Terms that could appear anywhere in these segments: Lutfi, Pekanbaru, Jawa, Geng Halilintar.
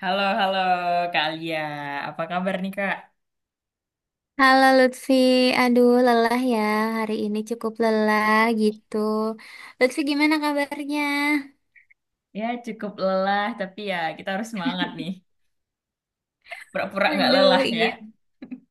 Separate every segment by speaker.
Speaker 1: Halo, halo Kak Alia. Apa kabar nih Kak?
Speaker 2: Halo Lutfi, aduh lelah ya, hari ini cukup lelah gitu. Lutfi gimana kabarnya?
Speaker 1: Ya cukup lelah, tapi ya kita harus semangat nih. Pura-pura nggak
Speaker 2: Aduh
Speaker 1: lelah ya.
Speaker 2: iya,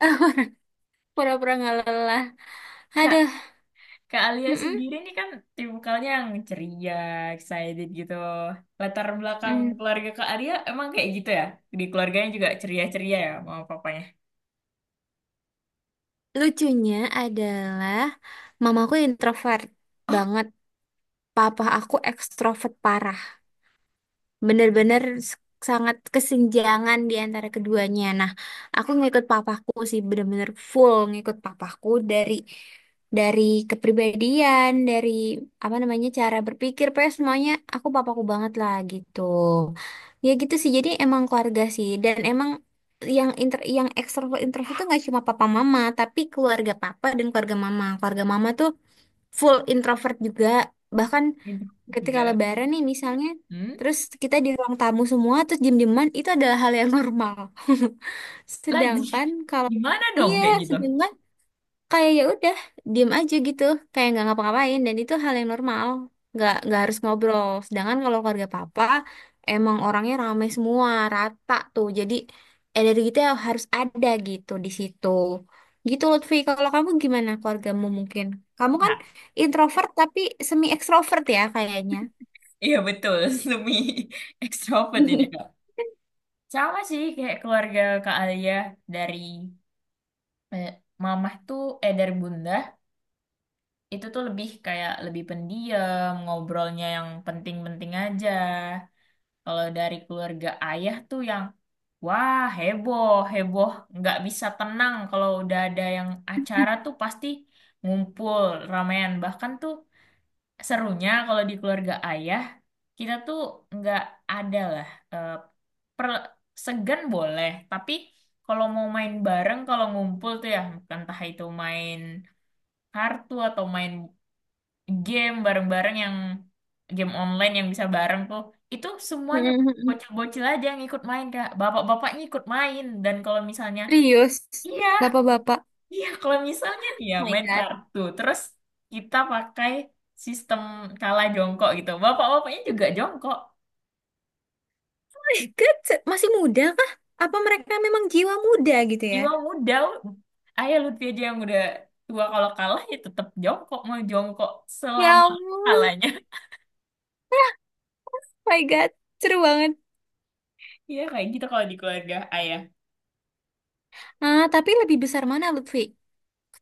Speaker 2: pura-pura nggak lelah.
Speaker 1: Kak,
Speaker 2: Aduh,
Speaker 1: Kak Alia
Speaker 2: mm-mm.
Speaker 1: sendiri nih kan tipikalnya yang ceria, excited gitu. Latar belakang
Speaker 2: Mm.
Speaker 1: keluarga Kak Alia emang kayak gitu ya? Di keluarganya juga ceria-ceria ya mama papanya?
Speaker 2: Lucunya adalah mamaku introvert banget, papa aku ekstrovert parah. Bener-bener s- sangat kesenjangan di antara keduanya. Nah, aku ngikut papaku sih bener-bener full ngikut papaku dari dari kepribadian, dari apa namanya cara berpikir, pokoknya semuanya aku papaku banget lah gitu. Ya gitu sih. Jadi emang keluarga sih dan emang yang inter yang ekstrovert introvert itu nggak cuma papa mama, tapi keluarga papa dan keluarga mama. Keluarga mama tuh full introvert juga. Bahkan
Speaker 1: Gitu.
Speaker 2: ketika
Speaker 1: Iya.
Speaker 2: lebaran nih misalnya,
Speaker 1: Hmm?
Speaker 2: terus kita di ruang tamu semua terus diem-dieman itu adalah hal yang normal.
Speaker 1: Lagi.
Speaker 2: Sedangkan kalau
Speaker 1: Gimana dong
Speaker 2: iya,
Speaker 1: kayak gitu?
Speaker 2: sedangkan kayak ya udah diem aja gitu, kayak nggak ngapa-ngapain dan itu hal yang normal, nggak harus ngobrol. Sedangkan kalau keluarga papa emang orangnya rame semua, rata tuh, jadi energi kita harus ada gitu di situ. Gitu Lutfi, kalau kamu gimana keluargamu mungkin? Kamu kan
Speaker 1: Nah,
Speaker 2: introvert tapi semi ekstrovert ya kayaknya.
Speaker 1: iya betul, semi ekstrovert ini Kak. Sama sih kayak keluarga Kak Alia dari Eh, Mamah tuh eh dari bunda itu tuh lebih kayak lebih pendiam, ngobrolnya yang penting-penting aja. Kalau dari keluarga ayah tuh yang wah, heboh heboh, nggak bisa tenang kalau udah ada yang acara tuh pasti ngumpul ramean. Bahkan tuh serunya kalau di keluarga ayah, kita tuh nggak ada lah eh, per- segan boleh tapi kalau mau main bareng, kalau ngumpul tuh ya entah itu main kartu atau main game bareng-bareng, yang game online yang bisa bareng tuh itu semuanya bocil-bocil aja yang ikut main Kak, bapak-bapaknya ikut main. Dan kalau misalnya
Speaker 2: Serius,
Speaker 1: iya,
Speaker 2: bapak-bapak.
Speaker 1: iya kalau misalnya
Speaker 2: Oh
Speaker 1: dia
Speaker 2: my
Speaker 1: main
Speaker 2: God.
Speaker 1: kartu terus kita pakai sistem kalah jongkok gitu, bapak-bapaknya juga jongkok.
Speaker 2: Oh my God, masih muda kah? Apa mereka memang jiwa muda gitu ya?
Speaker 1: Jiwa muda, ayah Lutfi aja yang udah tua, kalau kalah ya tetap jongkok, mau jongkok
Speaker 2: Ya
Speaker 1: selama
Speaker 2: ampun,
Speaker 1: kalahnya.
Speaker 2: oh my God, seru banget.
Speaker 1: Iya kayak gitu kalau di keluarga ayah.
Speaker 2: Ah, tapi lebih besar mana Lutfi?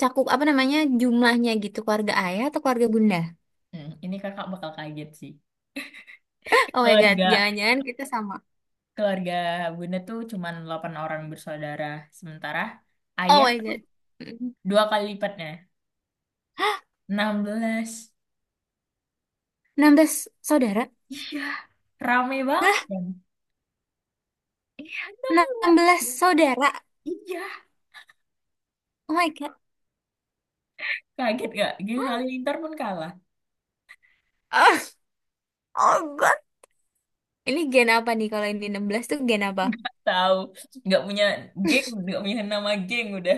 Speaker 2: Cakup apa namanya jumlahnya gitu, keluarga ayah atau keluarga bunda?
Speaker 1: Hmm, ini kakak bakal kaget sih.
Speaker 2: Oh my God,
Speaker 1: Keluarga
Speaker 2: jangan-jangan kita sama.
Speaker 1: keluarga Bunda tuh cuman 8 orang bersaudara. Sementara
Speaker 2: Oh
Speaker 1: ayah
Speaker 2: my God. Mm.
Speaker 1: dua kali lipatnya. 16.
Speaker 2: 16 saudara?
Speaker 1: Iya, rame banget
Speaker 2: Hah?
Speaker 1: kan? Iya, enam
Speaker 2: enam
Speaker 1: belas
Speaker 2: belas saudara?
Speaker 1: Iya,
Speaker 2: Oh my God.
Speaker 1: kaget gak? Geng Halilintar pun kalah.
Speaker 2: Ah, oh God. Ini gen apa nih kalau ini 16 tuh gen apa?
Speaker 1: Gak tahu. Gak punya geng, gak punya nama geng udah.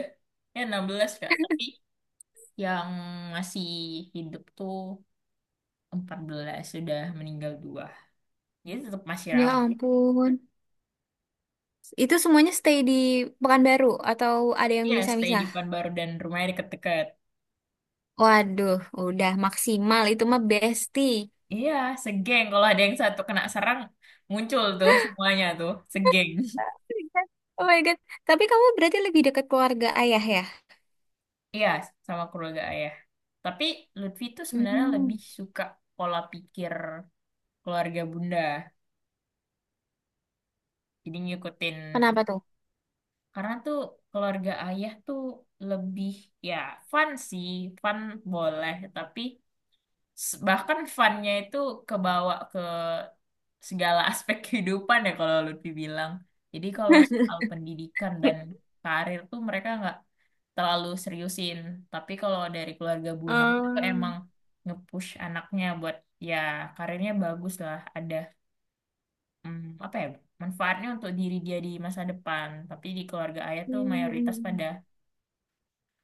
Speaker 1: Ya 16 Kak. Tapi yang masih hidup tuh 14, sudah meninggal dua. Jadi tetap masih
Speaker 2: Ya
Speaker 1: ramai.
Speaker 2: ampun. Itu semuanya stay di Pekanbaru atau ada yang
Speaker 1: Iya, stay di
Speaker 2: misah-misah?
Speaker 1: Pekanbaru dan rumahnya deket-deket.
Speaker 2: Waduh, udah maksimal itu mah besti.
Speaker 1: Iya, segeng. Kalau ada yang satu kena serang, muncul tuh semuanya tuh, segeng.
Speaker 2: Oh my God. Tapi kamu berarti lebih dekat keluarga ayah ya?
Speaker 1: Iya, sama keluarga ayah. Tapi Lutfi tuh sebenarnya
Speaker 2: Hmm,
Speaker 1: lebih suka pola pikir keluarga bunda. Jadi ngikutin itu.
Speaker 2: kenapa tuh?
Speaker 1: Karena tuh keluarga ayah tuh lebih, ya fun sih, fun boleh. Tapi bahkan funnya itu kebawa segala aspek kehidupan ya kalau Lutfi bilang. Jadi kalau soal pendidikan dan karir tuh mereka nggak terlalu seriusin. Tapi kalau dari keluarga Bunda tuh
Speaker 2: Ah,
Speaker 1: emang nge-push anaknya buat ya karirnya bagus lah. Ada apa ya, manfaatnya untuk diri dia di masa depan. Tapi di keluarga ayah tuh mayoritas
Speaker 2: hmm.
Speaker 1: pada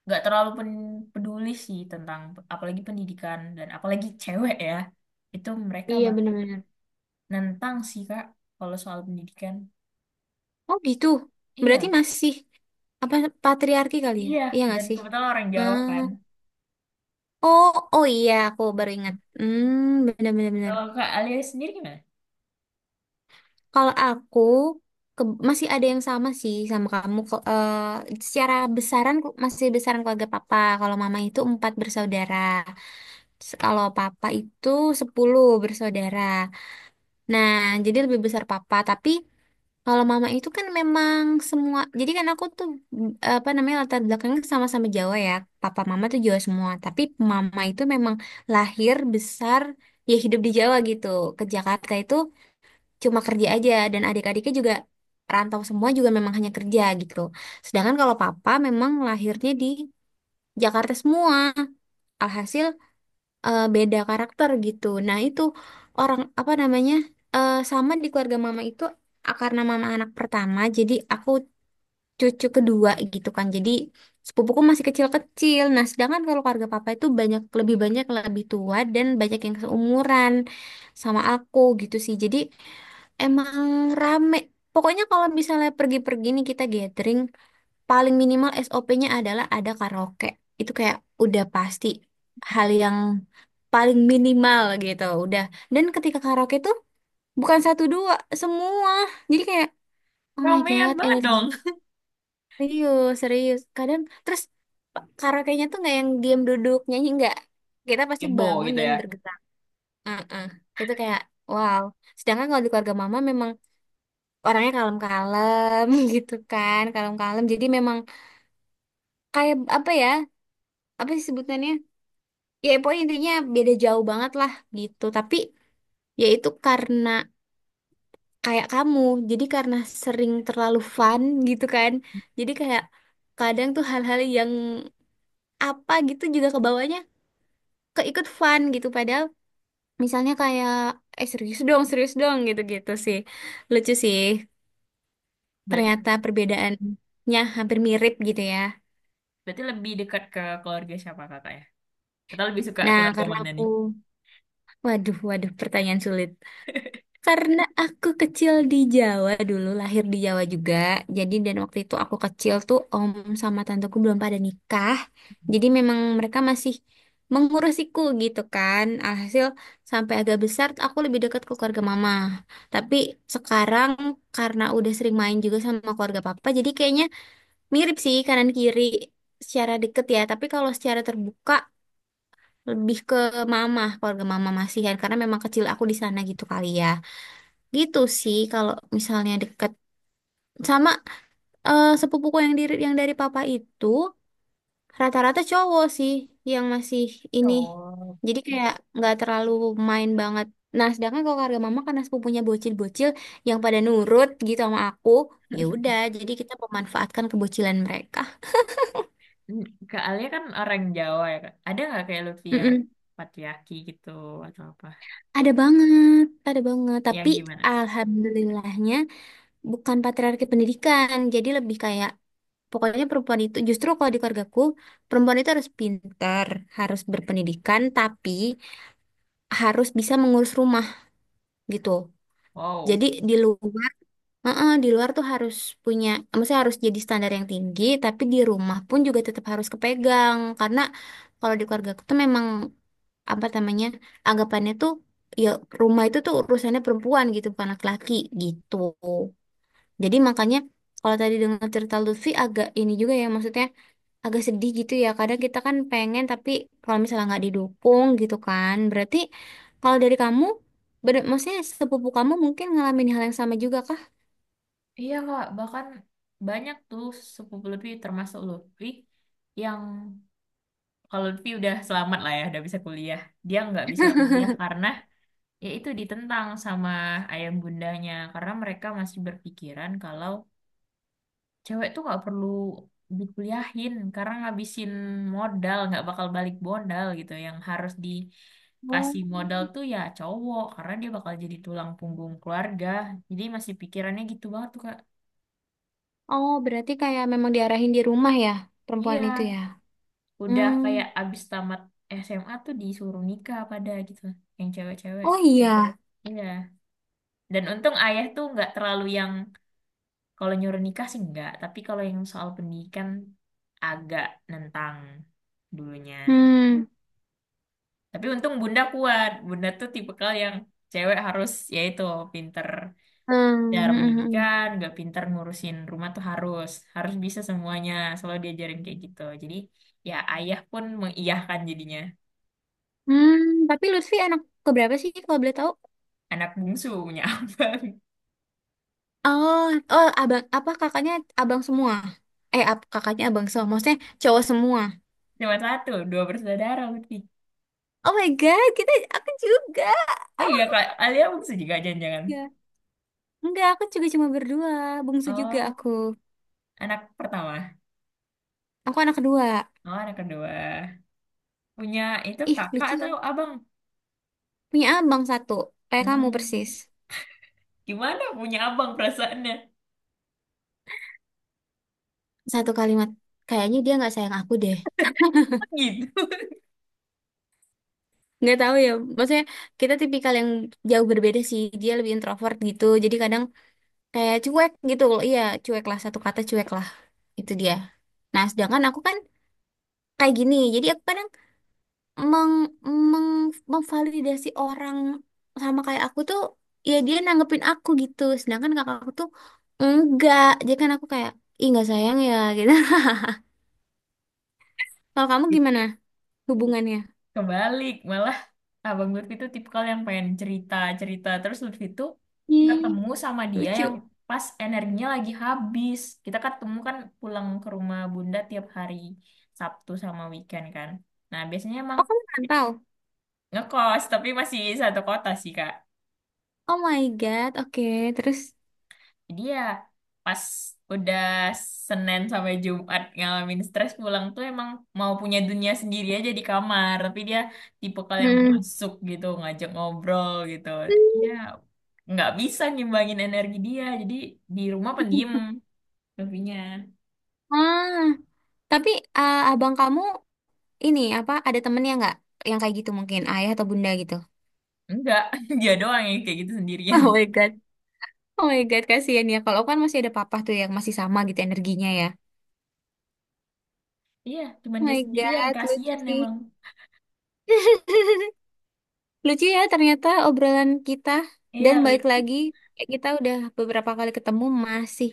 Speaker 1: nggak terlalu peduli sih tentang, apalagi pendidikan dan apalagi cewek ya. Itu mereka
Speaker 2: Iya bener-bener.
Speaker 1: nentang sih Kak kalau soal pendidikan.
Speaker 2: Oh gitu. Berarti
Speaker 1: Iya.
Speaker 2: masih apa patriarki kali ya?
Speaker 1: Iya,
Speaker 2: Iya nggak
Speaker 1: dan
Speaker 2: sih?
Speaker 1: kebetulan orang Jawa
Speaker 2: Ah,
Speaker 1: kan.
Speaker 2: oh, oh iya, aku baru ingat. Hmm, bener-bener.
Speaker 1: Kalau Kak Alia sendiri gimana?
Speaker 2: Kalau aku masih ada yang sama sih sama kamu. Secara besaran masih besaran keluarga papa. Kalau mama itu empat bersaudara. Kalau papa itu 10 bersaudara. Nah, jadi lebih besar papa. Tapi kalau mama itu kan memang semua. Jadi kan aku tuh mm, apa namanya latar belakangnya sama-sama Jawa ya. Papa mama tuh Jawa semua. Tapi mama itu memang lahir besar ya hidup di Jawa gitu. Ke Jakarta itu cuma kerja aja dan adik-adiknya juga rantau semua juga memang hanya kerja gitu. Sedangkan kalau papa memang lahirnya di Jakarta semua. Alhasil eh, beda karakter gitu. Nah, itu orang apa namanya? Eh, sama di keluarga mama itu ah, karena mama anak pertama, jadi aku cucu kedua gitu kan. Jadi sepupuku masih kecil-kecil. Nah, sedangkan kalau keluarga papa itu lebih banyak lebih tua dan banyak yang seumuran sama aku gitu sih. Jadi emang rame. Pokoknya kalau misalnya pergi-pergi nih kita gathering, paling minimal SOP-nya adalah ada karaoke. Itu kayak udah pasti hal yang paling minimal gitu, udah. Dan ketika karaoke tuh bukan satu dua, semua. Jadi kayak oh my
Speaker 1: Ramean
Speaker 2: god,
Speaker 1: banget
Speaker 2: energi
Speaker 1: dong.
Speaker 2: serius, serius. Kadang terus karaoke-nya tuh nggak yang diam duduk nyanyi nggak. Kita pasti
Speaker 1: Ebo
Speaker 2: bangun
Speaker 1: gitu
Speaker 2: dan
Speaker 1: ya.
Speaker 2: bergerak. Heeh. Itu kayak wow. Sedangkan kalau di keluarga mama memang orangnya kalem-kalem gitu kan kalem-kalem, jadi memang kayak apa ya, apa sih sebutannya, ya pokoknya intinya beda jauh banget lah gitu. Tapi ya itu karena kayak kamu, jadi karena sering terlalu fun gitu kan, jadi kayak kadang tuh hal-hal yang apa gitu juga kebawanya keikut fun gitu, padahal misalnya kayak eh serius dong, serius dong, gitu-gitu sih, lucu sih,
Speaker 1: Berarti
Speaker 2: ternyata perbedaannya hampir mirip gitu ya.
Speaker 1: berarti lebih dekat ke keluarga siapa kakak ya? Atau lebih suka
Speaker 2: Nah,
Speaker 1: keluarga
Speaker 2: karena
Speaker 1: mana
Speaker 2: aku
Speaker 1: nih?
Speaker 2: Waduh, waduh, pertanyaan sulit. Karena aku kecil di Jawa dulu, lahir di Jawa juga. Jadi dan waktu itu aku kecil tuh om sama tanteku belum pada nikah. Jadi memang mereka masih mengurusiku gitu kan. Alhasil sampai agak besar tuh aku lebih dekat ke keluarga mama. Tapi sekarang karena udah sering main juga sama keluarga papa, jadi kayaknya mirip sih kanan kiri secara deket ya. Tapi kalau secara terbuka lebih ke mama, keluarga mama Masihan karena memang kecil aku di sana gitu kali ya. Gitu sih, kalau misalnya deket sama eh, sepupuku yang diri yang dari papa itu rata-rata cowok sih yang masih ini,
Speaker 1: Oh.
Speaker 2: jadi kayak nggak terlalu main banget. Nah, sedangkan kalau keluarga mama karena sepupunya bocil-bocil yang pada nurut gitu sama aku, ya udah jadi kita memanfaatkan kebocilan mereka.
Speaker 1: Kak Alia kan orang Jawa ya Kak. Ada nggak kayak Lutfi yang
Speaker 2: Mm-mm.
Speaker 1: patriarki gitu atau apa?
Speaker 2: Ada banget, ada banget.
Speaker 1: Yang
Speaker 2: Tapi
Speaker 1: gimana, Kak?
Speaker 2: alhamdulillahnya bukan patriarki pendidikan, jadi lebih kayak pokoknya perempuan itu justru kalau di keluargaku perempuan itu harus pintar, harus berpendidikan, tapi harus bisa mengurus rumah gitu.
Speaker 1: Wow.
Speaker 2: Jadi di luar, heeh, di luar tuh harus punya, maksudnya harus jadi standar yang tinggi, tapi di rumah pun juga tetap harus kepegang karena kalau di keluargaku tuh memang apa namanya anggapannya tuh ya rumah itu tuh urusannya perempuan gitu bukan laki-laki gitu. Jadi makanya kalau tadi dengar cerita Lutfi agak ini juga ya, maksudnya agak sedih gitu ya. Kadang kita kan pengen tapi kalau misalnya nggak didukung gitu kan. Berarti kalau dari kamu, bener, maksudnya sepupu kamu mungkin ngalamin hal yang sama juga kah?
Speaker 1: Iya Kak, bahkan banyak tuh sepupu Lutfi, termasuk Lutfi yang, kalau Lutfi udah selamat lah ya, udah bisa kuliah. Dia nggak bisa kuliah karena ya itu, ditentang sama ayah bundanya karena mereka masih berpikiran kalau cewek tuh nggak perlu dikuliahin, karena ngabisin modal nggak bakal balik modal gitu. Yang harus
Speaker 2: Oh,
Speaker 1: dikasih modal tuh ya cowok, karena dia bakal jadi tulang punggung keluarga. Jadi masih pikirannya gitu banget tuh Kak.
Speaker 2: oh berarti kayak memang diarahin di rumah ya perempuan
Speaker 1: Iya,
Speaker 2: itu ya.
Speaker 1: udah
Speaker 2: Hmm.
Speaker 1: kayak abis tamat SMA tuh disuruh nikah pada gitu yang cewek-cewek.
Speaker 2: Oh iya.
Speaker 1: Iya, dan untung ayah tuh nggak terlalu yang, kalau nyuruh nikah sih enggak, tapi kalau yang soal pendidikan agak nentang dulunya.
Speaker 2: Hmm.
Speaker 1: Tapi untung bunda kuat. Bunda tuh tipikal yang cewek harus, yaitu pinter
Speaker 2: Hmm. Hmm.
Speaker 1: cara
Speaker 2: Hmm, hmm.
Speaker 1: pendidikan, nggak pinter ngurusin rumah tuh harus harus bisa semuanya. Selalu diajarin kayak gitu. Jadi ya ayah pun mengiyahkan jadinya.
Speaker 2: Hmm. Tapi Lutfi anak keberapa sih kalau boleh tahu?
Speaker 1: Anak bungsu, punya abang.
Speaker 2: Oh, oh, abang, apa kakaknya abang semua? Eh, kakaknya abang semua, maksudnya cowok semua.
Speaker 1: Cuma satu, dua bersaudara berarti.
Speaker 2: Oh my God, kita, aku juga.
Speaker 1: Oh iya, Kak, Alia bungsu juga jangan-jangan.
Speaker 2: Ya. Enggak, aku juga cuma berdua, bungsu juga
Speaker 1: Oh,
Speaker 2: aku.
Speaker 1: anak pertama.
Speaker 2: Aku anak kedua.
Speaker 1: Oh, anak kedua. Punya itu
Speaker 2: Ih,
Speaker 1: kakak
Speaker 2: lucu, ya.
Speaker 1: atau abang?
Speaker 2: Punya abang satu, kayak kamu persis.
Speaker 1: Hmm, gimana punya abang perasaannya?
Speaker 2: Satu kalimat, kayaknya dia nggak sayang aku deh.
Speaker 1: Oh, gitu.
Speaker 2: Nggak tahu ya, maksudnya kita tipikal yang jauh berbeda sih. Dia lebih introvert gitu, jadi kadang kayak cuek gitu, loh. Iya, cuek lah, satu kata cuek lah. Itu dia. Nah, sedangkan aku kan kayak gini. Jadi aku kadang meng meng memvalidasi orang sama kayak aku tuh, ya dia nanggepin aku gitu, sedangkan kakak aku tuh enggak, jadi kan aku kayak ih nggak sayang ya gitu. Kalau kamu gimana hubungannya?
Speaker 1: Kebalik, malah abang Lutfi itu tipikal yang pengen cerita-cerita. Terus Lutfi itu
Speaker 2: Hmm,
Speaker 1: ketemu sama dia
Speaker 2: lucu.
Speaker 1: yang pas energinya lagi habis. Kita ketemu kan pulang ke rumah bunda tiap hari Sabtu sama weekend kan. Nah, biasanya emang
Speaker 2: Oh kamu rantau.
Speaker 1: ngekos, tapi masih satu kota sih, Kak.
Speaker 2: Oh my god, oke. Terus
Speaker 1: Jadi ya pas udah Senin sampai Jumat ngalamin stres pulang tuh emang mau punya dunia sendiri aja di kamar. Tapi dia tipe kalau yang
Speaker 2: hmm.
Speaker 1: masuk gitu, ngajak ngobrol gitu. Ya
Speaker 2: Hmm.
Speaker 1: nggak bisa ngimbangin energi dia. Jadi di rumah pendiam tapinya.
Speaker 2: Ah tapi ah, abang kamu ini apa ada temennya nggak yang kayak gitu mungkin ayah atau bunda gitu?
Speaker 1: Enggak, dia doang yang kayak gitu sendirian.
Speaker 2: Oh my God. Oh my God, kasihan ya. Kalau aku kan masih ada papa tuh yang masih sama gitu energinya ya.
Speaker 1: Iya, cuman
Speaker 2: Oh
Speaker 1: dia
Speaker 2: my
Speaker 1: sendirian.
Speaker 2: God, lucu
Speaker 1: Kasian
Speaker 2: sih.
Speaker 1: emang.
Speaker 2: Lucu ya ternyata obrolan kita.
Speaker 1: Iya
Speaker 2: Dan balik
Speaker 1: lucu.
Speaker 2: lagi, kayak kita udah beberapa kali ketemu masih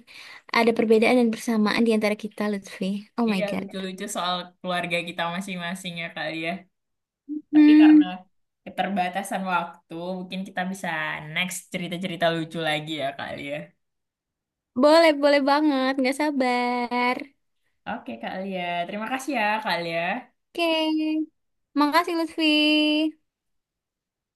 Speaker 2: ada perbedaan dan persamaan di antara kita, Lutfi. Oh my
Speaker 1: Iya,
Speaker 2: God.
Speaker 1: lucu-lucu soal keluarga kita masing-masing ya kali ya. Tapi
Speaker 2: Hmm,
Speaker 1: karena keterbatasan waktu, mungkin kita bisa next cerita-cerita lucu lagi ya, Kak Lia.
Speaker 2: boleh, boleh banget. Nggak sabar.
Speaker 1: Oke, Kak Lia. Terima kasih ya, Kak Lia.
Speaker 2: Oke. Makasih, Lutfi.